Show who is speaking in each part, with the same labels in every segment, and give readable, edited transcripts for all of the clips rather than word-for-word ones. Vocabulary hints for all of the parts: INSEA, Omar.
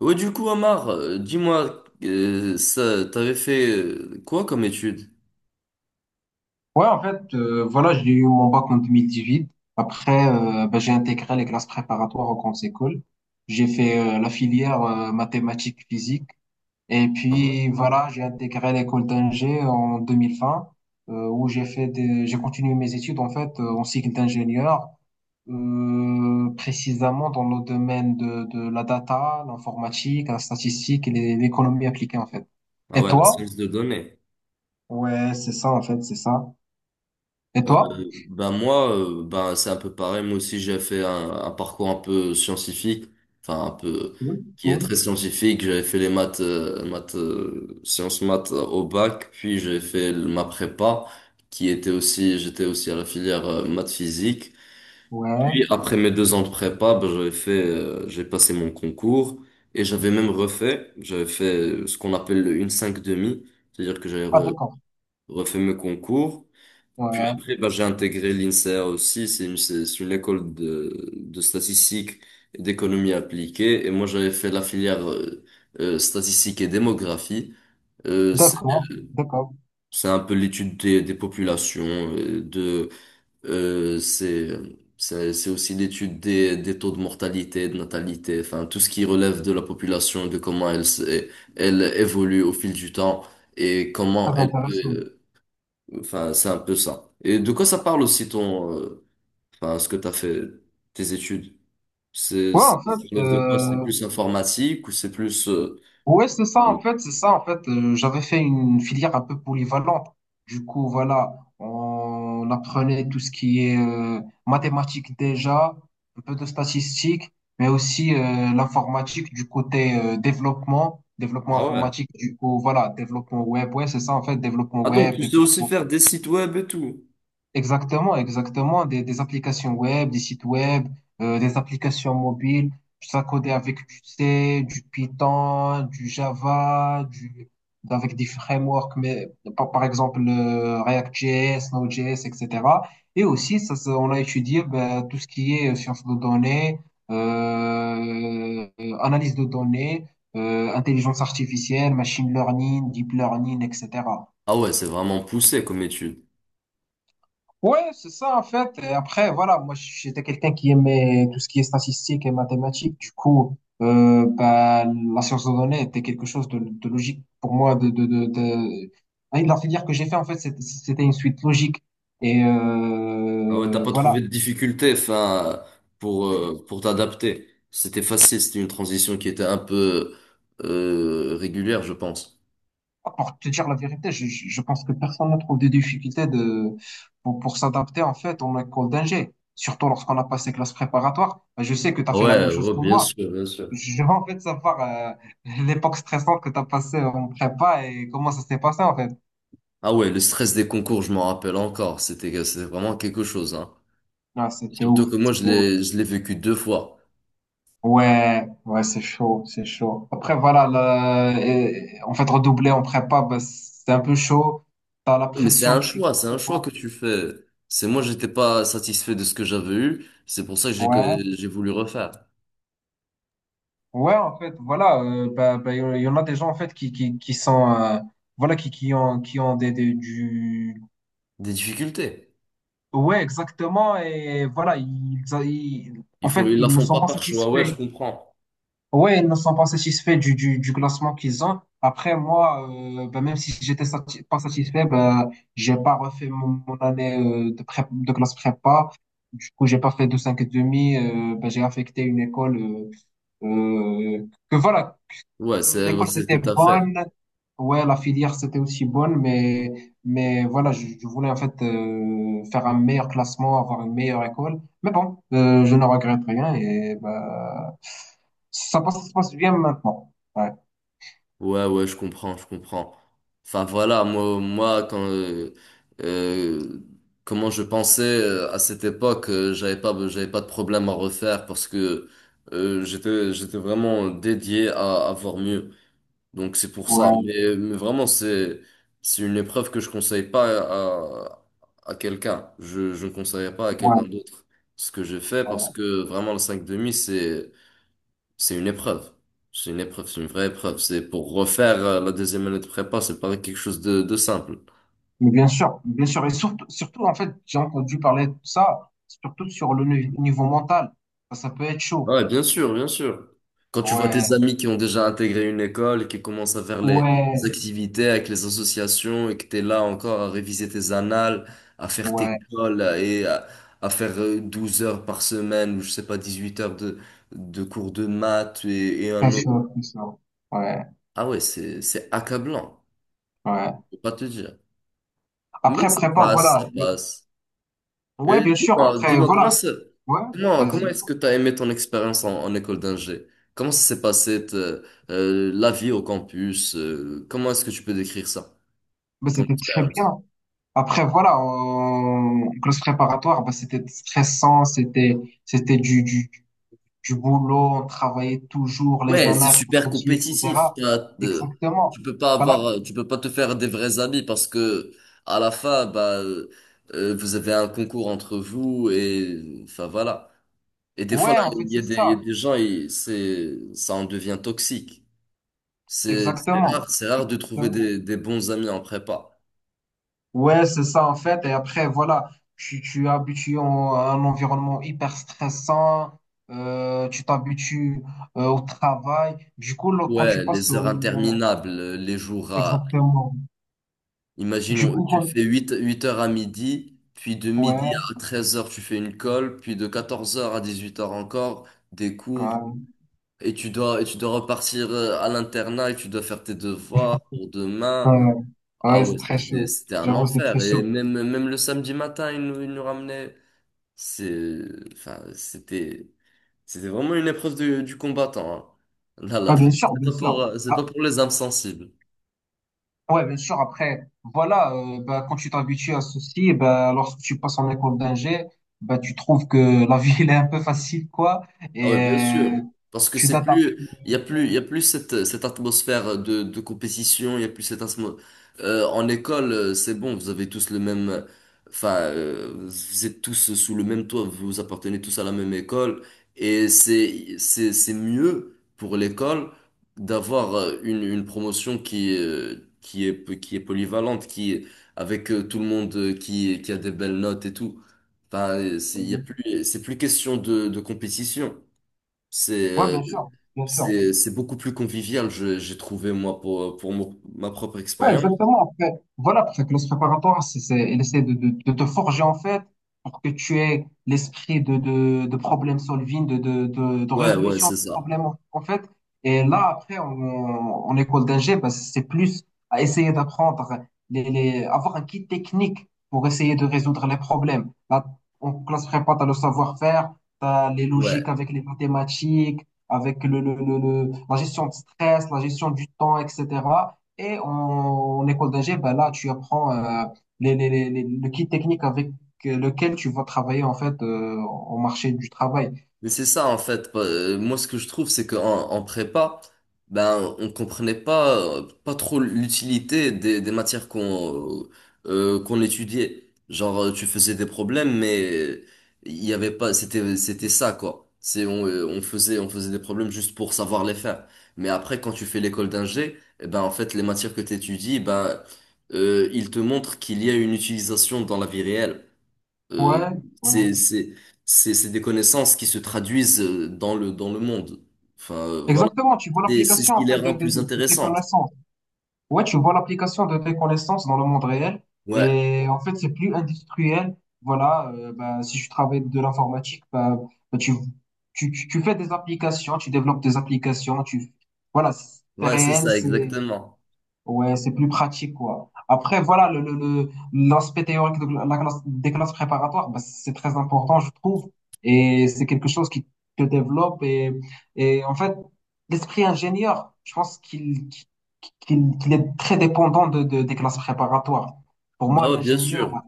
Speaker 1: Ouais, du coup, Omar, dis-moi, ça, t'avais fait quoi comme étude?
Speaker 2: Ouais, en fait, voilà, j'ai eu mon bac en 2018. Après, bah, j'ai intégré les classes préparatoires aux grandes écoles. J'ai fait la filière mathématiques physique. Et
Speaker 1: Ah ouais?
Speaker 2: puis, voilà, j'ai intégré l'école d'ingé en 2020, où j'ai fait j'ai continué mes études, en fait, en cycle d'ingénieur, précisément dans le domaine de la data, l'informatique, la statistique et l'économie appliquée, en fait.
Speaker 1: Ah
Speaker 2: Et
Speaker 1: ouais, la
Speaker 2: toi?
Speaker 1: science de données.
Speaker 2: Ouais, c'est ça, en fait, c'est ça. Et toi?
Speaker 1: Ben moi, ben c'est un peu pareil. Moi aussi, j'ai fait un parcours un peu scientifique, enfin un peu
Speaker 2: Cool,
Speaker 1: qui est
Speaker 2: cool.
Speaker 1: très scientifique. J'avais fait les maths, sciences maths au bac, puis j'ai fait ma prépa, qui était aussi, j'étais aussi à la filière maths physique.
Speaker 2: Ouais,
Speaker 1: Puis après mes deux ans de prépa, ben, j'ai passé mon concours et j'avais même refait, j'avais fait ce qu'on appelle le une cinq demi, c'est-à-dire que j'avais
Speaker 2: ah d'accord.
Speaker 1: refait mes concours. Puis
Speaker 2: Ouais,
Speaker 1: après, ben, j'ai intégré l'INSEA aussi, c'est une école de statistique et d'économie appliquée. Et moi, j'avais fait la filière statistique et démographie. Euh, c'est
Speaker 2: d'accord,
Speaker 1: euh,
Speaker 2: d'accord.
Speaker 1: c'est un peu l'étude des populations, euh, de euh, c'est, c'est aussi l'étude des taux de mortalité, de natalité, enfin tout ce qui relève de la population, de comment elle évolue au fil du temps et comment
Speaker 2: Très
Speaker 1: elle
Speaker 2: intéressant.
Speaker 1: peut. Enfin, c'est un peu ça. Et de quoi ça parle aussi ton, enfin, ce que t'as fait, tes études? C'est,
Speaker 2: Ouais,
Speaker 1: ça
Speaker 2: en fait,
Speaker 1: relève de quoi? C'est plus informatique ou c'est plus,
Speaker 2: ouais, c'est ça, en fait, c'est ça, en fait. J'avais fait une filière un peu polyvalente. Du coup, voilà, on apprenait tout ce qui est mathématiques déjà, un peu de statistiques, mais aussi l'informatique du côté développement, développement
Speaker 1: ah ouais.
Speaker 2: informatique, du coup, voilà, développement web. Ouais, c'est ça, en fait, développement
Speaker 1: Ah donc
Speaker 2: web,
Speaker 1: tu sais aussi
Speaker 2: développement.
Speaker 1: faire des sites web et tout.
Speaker 2: Exactement, exactement. Des applications web, des sites web, des applications mobiles. Ça codé avec du C, du Python, du Java, avec des frameworks, mais par exemple React.js, Node.js, etc. Et aussi, on a étudié ben, tout ce qui est sciences de données, analyse de données, intelligence artificielle, machine learning, deep learning, etc.
Speaker 1: Ah ouais, c'est vraiment poussé comme étude.
Speaker 2: Ouais, c'est ça en fait. Et après, voilà, moi j'étais quelqu'un qui aimait tout ce qui est statistique et mathématiques. Du coup, bah, la science de données était quelque chose de logique pour moi. Ah, la filière que j'ai fait en fait, c'était une suite logique. Et
Speaker 1: Ah ouais, t'as pas
Speaker 2: voilà,
Speaker 1: trouvé de difficulté, enfin, pour t'adapter. C'était facile, c'était une transition qui était un peu régulière, je pense.
Speaker 2: pour te dire la vérité, je pense que personne ne trouve des difficultés de, pour s'adapter en fait en école d'ingé. Surtout lorsqu'on a passé classe préparatoire. Bah, je sais que tu as
Speaker 1: Ah
Speaker 2: fait la
Speaker 1: ouais,
Speaker 2: même chose
Speaker 1: ouais,
Speaker 2: que
Speaker 1: bien
Speaker 2: moi.
Speaker 1: sûr, bien sûr.
Speaker 2: Je veux en fait savoir l'époque stressante que tu as passée en prépa et comment ça s'est passé en fait.
Speaker 1: Ah ouais, le stress des concours, je m'en rappelle encore. C'était vraiment quelque chose, hein.
Speaker 2: Ah, c'était
Speaker 1: Surtout
Speaker 2: ouf,
Speaker 1: que moi,
Speaker 2: c'était ouf.
Speaker 1: je l'ai vécu deux fois.
Speaker 2: Ouais, ouais, c'est chaud, c'est chaud. Après, voilà, en fait, redoubler en prépa, bah, c'est un peu chaud. T'as la
Speaker 1: Mais
Speaker 2: pression qui...
Speaker 1: c'est un
Speaker 2: qui
Speaker 1: choix
Speaker 2: monte.
Speaker 1: que tu fais. C'est moi, j'étais pas satisfait de ce que j'avais eu. C'est pour ça que j'ai,
Speaker 2: Ouais,
Speaker 1: que j'ai voulu refaire.
Speaker 2: ouais, en fait, voilà, bah, il y en a des gens en fait qui sont, voilà, qui ont des, du...
Speaker 1: Des difficultés.
Speaker 2: Ouais, exactement, et voilà, en fait,
Speaker 1: Ils la
Speaker 2: ils ne
Speaker 1: font
Speaker 2: sont
Speaker 1: pas
Speaker 2: pas
Speaker 1: par choix. Ouais, je
Speaker 2: satisfaits.
Speaker 1: comprends.
Speaker 2: Ouais, ils ne sont pas satisfaits du classement qu'ils ont. Après, moi, ben, même si j'étais pas satisfait, ben, j'ai pas refait mon année de classe prépa. Du coup, j'ai pas fait de 5,5. Ben, j'ai affecté une école que voilà.
Speaker 1: Ouais, ouais,
Speaker 2: L'école,
Speaker 1: c'est ce que
Speaker 2: c'était
Speaker 1: t'as fait.
Speaker 2: bonne. Ouais, la filière, c'était aussi bonne, mais voilà, je voulais en fait faire un meilleur classement, avoir une meilleure école. Mais bon, je ne regrette rien et bah, ça passe, ça se passe bien maintenant. Ouais,
Speaker 1: Ouais, ouais, je comprends, je comprends. Enfin voilà, moi quand euh, comment je pensais à cette époque, j'avais pas de problème à refaire parce que j'étais vraiment dédié à voir mieux. Donc c'est pour ça.
Speaker 2: ouais,
Speaker 1: Mais vraiment, c'est une épreuve que je conseille pas à quelqu'un. Je ne conseillerais pas à quelqu'un
Speaker 2: ouais,
Speaker 1: d'autre ce que j'ai fait parce
Speaker 2: ouais.
Speaker 1: que vraiment le 5 demi, c'est une épreuve. C'est une épreuve, c'est une vraie épreuve. C'est pour refaire la deuxième année de prépa, c'est pas quelque chose de simple.
Speaker 2: Mais bien sûr, bien sûr. Et surtout, surtout en fait, j'ai entendu parler de ça, surtout sur le niveau mental. Ça peut être chaud.
Speaker 1: Ouais, bien sûr, bien sûr. Quand tu vois
Speaker 2: Ouais,
Speaker 1: tes amis qui ont déjà intégré une école et qui commencent à faire les
Speaker 2: ouais,
Speaker 1: activités avec les associations et que t'es là encore à réviser tes annales, à faire tes
Speaker 2: ouais,
Speaker 1: cols et à faire 12 heures par semaine ou je sais pas, 18 heures de cours de maths et
Speaker 2: très
Speaker 1: un autre.
Speaker 2: chaud, très chaud. Ouais,
Speaker 1: Ah ouais, c'est accablant,
Speaker 2: ouais.
Speaker 1: faut pas te dire. Mais
Speaker 2: Après,
Speaker 1: ça
Speaker 2: prépa,
Speaker 1: passe,
Speaker 2: voilà.
Speaker 1: ça passe.
Speaker 2: Ouais,
Speaker 1: Mais
Speaker 2: bien sûr.
Speaker 1: dis-moi,
Speaker 2: Après,
Speaker 1: dis-moi,
Speaker 2: voilà. Ouais,
Speaker 1: comment
Speaker 2: vas-y.
Speaker 1: est-ce que tu as aimé ton expérience en école d'ingé? Comment ça s'est passé te- La vie au campus? Comment est-ce que tu peux décrire ça,
Speaker 2: Bah,
Speaker 1: ton
Speaker 2: c'était très
Speaker 1: expérience?
Speaker 2: bien. Après, voilà, en classe préparatoire, bah, c'était stressant, c'était du boulot, on travaillait toujours, les
Speaker 1: Ouais, c'est
Speaker 2: annales, comme
Speaker 1: super
Speaker 2: t'as dit,
Speaker 1: compétitif.
Speaker 2: etc. Exactement. Bah, là,
Speaker 1: Tu peux pas te faire des vrais amis parce que à la fin, bah, vous avez un concours entre vous et enfin voilà. Et des fois,
Speaker 2: ouais,
Speaker 1: là,
Speaker 2: en fait, c'est
Speaker 1: il y a
Speaker 2: ça.
Speaker 1: des gens, ça en devient toxique. C'est
Speaker 2: Exactement.
Speaker 1: rare, c'est rare de trouver des bons amis en prépa.
Speaker 2: Ouais, c'est ça, en fait. Et après, voilà, tu es habitué à un environnement hyper stressant, tu t'habitues au travail. Du coup, là, quand tu
Speaker 1: Ouais,
Speaker 2: passes
Speaker 1: les heures
Speaker 2: au...
Speaker 1: interminables, les jours à.
Speaker 2: Exactement. Du
Speaker 1: Imaginons,
Speaker 2: coup,
Speaker 1: tu fais huit heures à midi, puis de midi
Speaker 2: ouais,
Speaker 1: à 13 heures, tu fais une colle, puis de 14 heures à 18 heures encore, des cours,
Speaker 2: ouais,
Speaker 1: et tu dois repartir à l'internat, et tu dois faire tes devoirs pour demain.
Speaker 2: ouais,
Speaker 1: Ah
Speaker 2: ouais,
Speaker 1: ouais,
Speaker 2: c'est très
Speaker 1: c'était,
Speaker 2: chaud.
Speaker 1: c'était un
Speaker 2: J'avoue, c'est très
Speaker 1: enfer. Et
Speaker 2: chaud.
Speaker 1: même, même le samedi matin, ils nous ramenaient. C'est, enfin, c'était, C'était vraiment une épreuve du combattant, hein. Là, la
Speaker 2: Ah, bien
Speaker 1: vraie-
Speaker 2: sûr, bien sûr.
Speaker 1: c'est
Speaker 2: Ah,
Speaker 1: pas pour les âmes sensibles.
Speaker 2: ouais, bien sûr. Après, voilà, bah, quand tu t'habitues à ceci, eh bah, lorsque tu passes en école d'ingé, bah, tu trouves que la vie, elle est un peu facile, quoi.
Speaker 1: Ah
Speaker 2: Et
Speaker 1: ouais, bien sûr. Parce que
Speaker 2: tu t'adaptes.
Speaker 1: il y a plus cette atmosphère de compétition, il y a plus cette atmosphère. En école, c'est bon, vous avez tous le même, enfin, vous êtes tous sous le même toit, vous appartenez tous à la même école, et c'est mieux pour l'école d'avoir une promotion qui est polyvalente, avec tout le monde qui a des belles notes et tout. Enfin, c'est, il y a plus, c'est plus question de compétition. C'est
Speaker 2: Ouais,
Speaker 1: euh,
Speaker 2: bien sûr, bien sûr.
Speaker 1: c'est beaucoup plus convivial, j'ai trouvé moi ma propre
Speaker 2: Ouais,
Speaker 1: expérience.
Speaker 2: exactement. Après, voilà, pour faire que classe préparatoire, il essaie de te forger, en fait, pour que tu aies l'esprit de problème solving, de
Speaker 1: Ouais, ouais,
Speaker 2: résolution de
Speaker 1: c'est ça.
Speaker 2: problèmes, en fait. Et là, après, en école d'ingé, bah, c'est plus à essayer d'apprendre, avoir un kit technique pour essayer de résoudre les problèmes. Là, en classe prépa, t'as le savoir-faire, t'as les logiques
Speaker 1: Ouais.
Speaker 2: avec les mathématiques, avec la gestion de stress, la gestion du temps, etc. Et en école d'ingé, ben là, tu apprends le kit technique avec lequel tu vas travailler en fait au marché du travail.
Speaker 1: Mais c'est ça en fait. Moi, ce que je trouve, c'est qu'en en prépa, ben, on comprenait pas trop l'utilité des matières euh, qu'on étudiait. Genre, tu faisais des problèmes, mais il y avait pas. C'était ça, quoi. C'est on faisait des problèmes juste pour savoir les faire. Mais après, quand tu fais l'école d'ingé, eh ben en fait, les matières que tu étudies, ils te montrent qu'il y a une utilisation dans la vie réelle. Euh,
Speaker 2: Ouais, ouais.
Speaker 1: c'est, c'est, c'est des connaissances qui se traduisent dans le monde. Enfin, voilà.
Speaker 2: Exactement, tu vois
Speaker 1: C'est ce
Speaker 2: l'application
Speaker 1: qui
Speaker 2: en
Speaker 1: les
Speaker 2: fait de,
Speaker 1: rend
Speaker 2: de,
Speaker 1: plus
Speaker 2: de, de tes
Speaker 1: intéressantes.
Speaker 2: connaissances. Ouais, tu vois l'application de tes connaissances dans le monde réel.
Speaker 1: Ouais,
Speaker 2: Et en fait, c'est plus industriel. Voilà, ben, si tu travailles de l'informatique, ben, ben, tu fais des applications, tu développes des applications, tu, voilà, c'est
Speaker 1: ouais, c'est
Speaker 2: réel,
Speaker 1: ça,
Speaker 2: c'est...
Speaker 1: exactement.
Speaker 2: Ouais, c'est plus pratique, quoi. Après, voilà, l'aspect théorique de des classes préparatoires, bah, c'est très important, je trouve. Et c'est quelque chose qui te développe. Et en fait, l'esprit ingénieur, je pense qu'il est très dépendant des classes préparatoires. Pour moi,
Speaker 1: Bah
Speaker 2: un
Speaker 1: ouais, bien
Speaker 2: ingénieur
Speaker 1: sûr.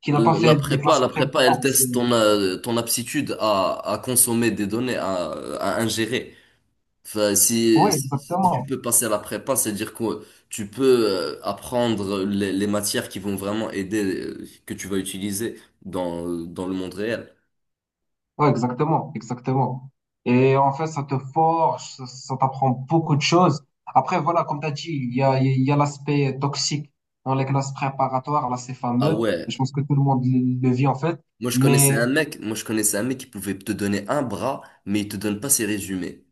Speaker 2: qui n'a pas
Speaker 1: La
Speaker 2: fait les
Speaker 1: prépa,
Speaker 2: classes
Speaker 1: la prépa,
Speaker 2: préparatoires,
Speaker 1: elle
Speaker 2: c'est...
Speaker 1: teste ton aptitude à consommer des données, à ingérer. Enfin,
Speaker 2: Oui,
Speaker 1: si tu
Speaker 2: exactement.
Speaker 1: peux passer à la prépa, c'est-à-dire que tu peux apprendre les matières qui vont vraiment aider, que tu vas utiliser dans le monde réel.
Speaker 2: Ouais, exactement, exactement. Et en fait, ça te forge, ça t'apprend beaucoup de choses. Après, voilà, comme tu as dit, il y a l'aspect toxique dans les classes préparatoires, là, c'est
Speaker 1: Ah
Speaker 2: fameux.
Speaker 1: ouais.
Speaker 2: Et je pense que tout le monde le vit, en fait.
Speaker 1: Moi, je connaissais
Speaker 2: Mais,
Speaker 1: un mec, moi, je connaissais un mec qui pouvait te donner un bras, mais il te donne pas ses résumés.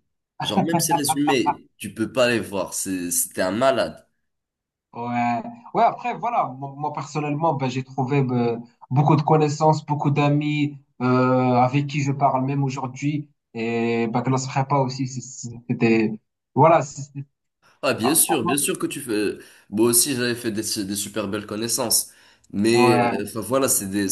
Speaker 1: Genre, même ses résumés, tu peux pas les voir. C'était un malade.
Speaker 2: ouais, ouais, après, voilà, moi, moi, personnellement, ben, j'ai trouvé ben, beaucoup de connaissances, beaucoup d'amis avec qui je parle même aujourd'hui. Et ben, classe prépa aussi, c'était, voilà,
Speaker 1: Ah,
Speaker 2: ah, ah,
Speaker 1: bien
Speaker 2: ah.
Speaker 1: sûr que tu fais. Moi aussi, j'avais fait des super belles connaissances. Mais,
Speaker 2: Ouais,
Speaker 1: enfin, voilà, c'est des.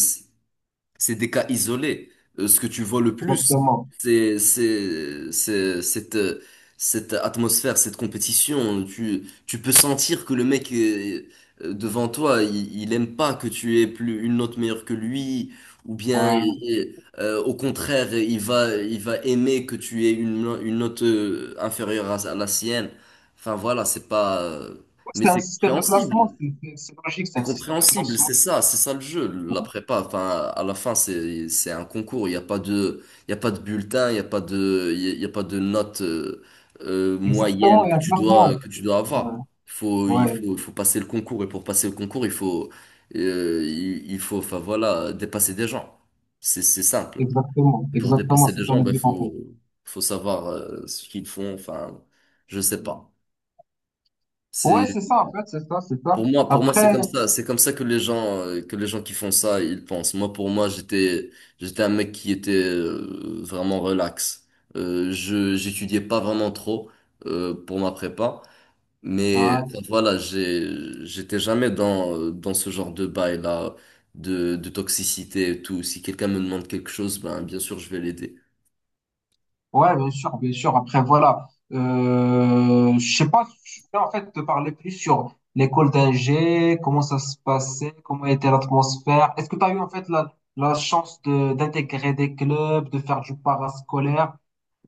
Speaker 1: C'est des cas isolés. Ce que tu vois le plus,
Speaker 2: exactement.
Speaker 1: c'est cette cette atmosphère, cette compétition. Tu peux sentir que le mec devant toi, il aime pas que tu aies plus une note meilleure que lui, ou bien
Speaker 2: Ouais.
Speaker 1: au contraire, il va aimer que tu aies une no- une note inférieure à la sienne. Enfin voilà, c'est pas. Mais
Speaker 2: C'est un
Speaker 1: c'est
Speaker 2: système de
Speaker 1: compréhensible.
Speaker 2: classement, c'est logique, c'est
Speaker 1: C'est
Speaker 2: un système de
Speaker 1: compréhensible,
Speaker 2: classement.
Speaker 1: c'est ça le jeu, la prépa. Enfin, à la fin, c'est un concours. Il y a pas de bulletin, il y a pas de note
Speaker 2: Exactement,
Speaker 1: moyenne
Speaker 2: il y a un classement.
Speaker 1: que tu dois
Speaker 2: Ouais,
Speaker 1: avoir. Il faut il
Speaker 2: ouais,
Speaker 1: faut il faut passer le concours et pour passer le concours, il faut enfin voilà dépasser des gens. C'est simple.
Speaker 2: exactement,
Speaker 1: Et pour
Speaker 2: exactement,
Speaker 1: dépasser
Speaker 2: c'est
Speaker 1: des
Speaker 2: un
Speaker 1: gens, ben
Speaker 2: but en
Speaker 1: faut
Speaker 2: fait.
Speaker 1: faut savoir ce qu'ils font. Enfin, je sais pas. C'est
Speaker 2: Ouais, c'est ça en fait, c'est ça, c'est
Speaker 1: Pour
Speaker 2: ça.
Speaker 1: moi, pour moi, c'est
Speaker 2: Après,
Speaker 1: comme ça. C'est comme ça que les gens qui font ça, ils pensent. Moi, pour moi, j'étais un mec qui était vraiment relax. J'étudiais pas vraiment trop pour ma prépa, mais enfin,
Speaker 2: ouais,
Speaker 1: voilà, j'étais jamais dans ce genre de bail-là, de toxicité et tout. Si quelqu'un me demande quelque chose, ben bien sûr, je vais l'aider.
Speaker 2: ouais, bien sûr, bien sûr. Après, voilà, je sais pas, je voulais en fait te parler plus sur l'école d'ingé, comment ça se passait, comment était l'atmosphère. Est-ce que tu as eu en fait la chance de d'intégrer des clubs, de faire du parascolaire?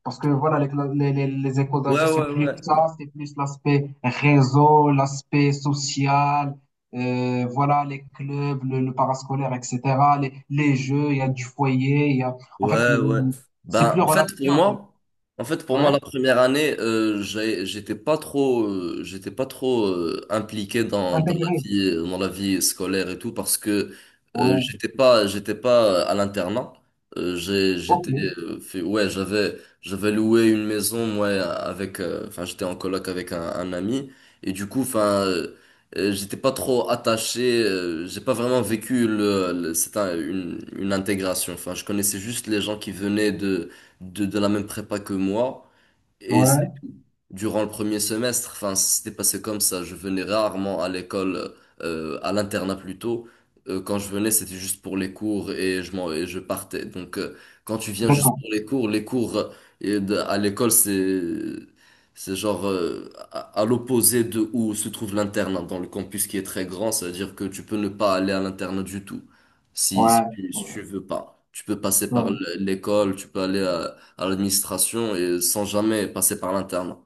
Speaker 2: Parce que voilà, les, cla- les écoles
Speaker 1: Ouais,
Speaker 2: d'ingé, c'est
Speaker 1: ouais,
Speaker 2: plus
Speaker 1: ouais.
Speaker 2: ça, c'est plus l'aspect réseau, l'aspect social, voilà, les clubs, le parascolaire, etc., les jeux, il y a du foyer, il y a... En fait,
Speaker 1: Ouais, ouais.
Speaker 2: c'est
Speaker 1: ben
Speaker 2: plus
Speaker 1: en fait,
Speaker 2: relaxé,
Speaker 1: pour
Speaker 2: en fait.
Speaker 1: moi, En fait, pour moi,
Speaker 2: Ouais,
Speaker 1: la première année, j'étais pas trop impliqué
Speaker 2: intégré.
Speaker 1: dans la vie scolaire et tout parce que
Speaker 2: Ouais,
Speaker 1: j'étais pas à l'internat. Euh, j'ai,
Speaker 2: ok.
Speaker 1: j'étais, ouais, j'avais loué une maison, moi, avec, enfin, j'étais en coloc avec un ami et du coup, enfin. J'étais pas trop attaché, j'ai pas vraiment vécu une intégration. Enfin, je connaissais juste les gens qui venaient de la même prépa que moi. Et
Speaker 2: Ouais,
Speaker 1: c'est durant le premier semestre, enfin, c'était passé comme ça. Je venais rarement à l'école, à l'internat plutôt. Quand je venais, c'était juste pour les cours et je partais. Donc, quand tu viens juste
Speaker 2: d'accord.
Speaker 1: pour les cours, à l'école, c'est genre à l'opposé de où se trouve l'internat dans le campus qui est très grand. C'est-à-dire que tu peux ne pas aller à l'internat du tout
Speaker 2: Ouais, ouais,
Speaker 1: si tu veux pas. Tu peux passer par
Speaker 2: ouais.
Speaker 1: l'école, tu peux aller à l'administration et sans jamais passer par l'internat.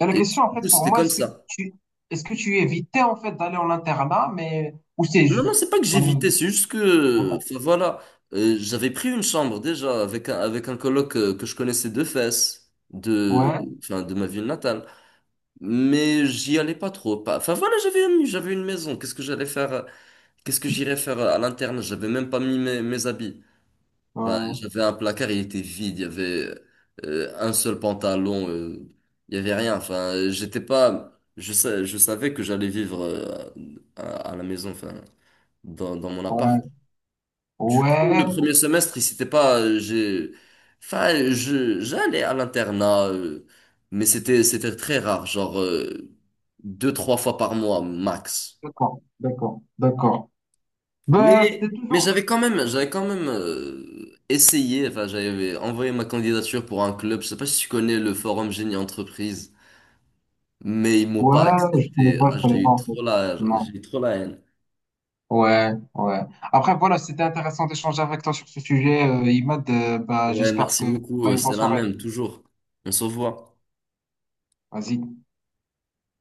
Speaker 2: Et la
Speaker 1: Et
Speaker 2: question, en
Speaker 1: en plus,
Speaker 2: fait, pour
Speaker 1: c'était
Speaker 2: moi,
Speaker 1: comme
Speaker 2: est-ce que
Speaker 1: ça.
Speaker 2: tu, est-ce que tu évitais, en fait, d'aller en internat, mais, ou c'est
Speaker 1: Non, non,
Speaker 2: juste...
Speaker 1: c'est pas que
Speaker 2: Ouais,
Speaker 1: j'évitais, c'est juste que,
Speaker 2: ouais,
Speaker 1: enfin, voilà, j'avais pris une chambre déjà avec un coloc que je connaissais de enfin, de ma ville natale. Mais j'y allais pas trop. Enfin, voilà, j'avais une maison. Qu'est-ce que j'irais faire à l'interne? J'avais même pas mis mes habits. Enfin,
Speaker 2: ouais,
Speaker 1: j'avais un placard, il était vide, il y avait un seul pantalon, il y avait rien. Enfin, j'étais pas, je sais, je savais que j'allais vivre à la maison, enfin, dans mon
Speaker 2: ouais.
Speaker 1: appart. Du
Speaker 2: Ouais,
Speaker 1: coup, le premier semestre, il s'était pas, j'ai, enfin, je, j'allais à l'internat, mais c'était très rare, genre deux, trois fois par mois max.
Speaker 2: d'accord, d'accord, d'accord.
Speaker 1: Mais,
Speaker 2: Bah, c'était
Speaker 1: mais
Speaker 2: toujours.
Speaker 1: j'avais quand même essayé, enfin j'avais envoyé ma candidature pour un club, je sais pas si tu connais le forum Génie Entreprise, mais ils m'ont
Speaker 2: Ouais,
Speaker 1: pas
Speaker 2: je connais
Speaker 1: accepté.
Speaker 2: pas,
Speaker 1: Ah,
Speaker 2: je connais pas en fait.
Speaker 1: j'ai
Speaker 2: Non.
Speaker 1: eu trop la haine.
Speaker 2: Ouais, ouais. Après, voilà, c'était intéressant d'échanger avec toi sur ce sujet, Imad. Bah,
Speaker 1: Ouais,
Speaker 2: j'espère
Speaker 1: merci
Speaker 2: que
Speaker 1: beaucoup,
Speaker 2: t'as une bonne
Speaker 1: c'est la
Speaker 2: soirée.
Speaker 1: même, toujours. On se revoit.
Speaker 2: Vas-y.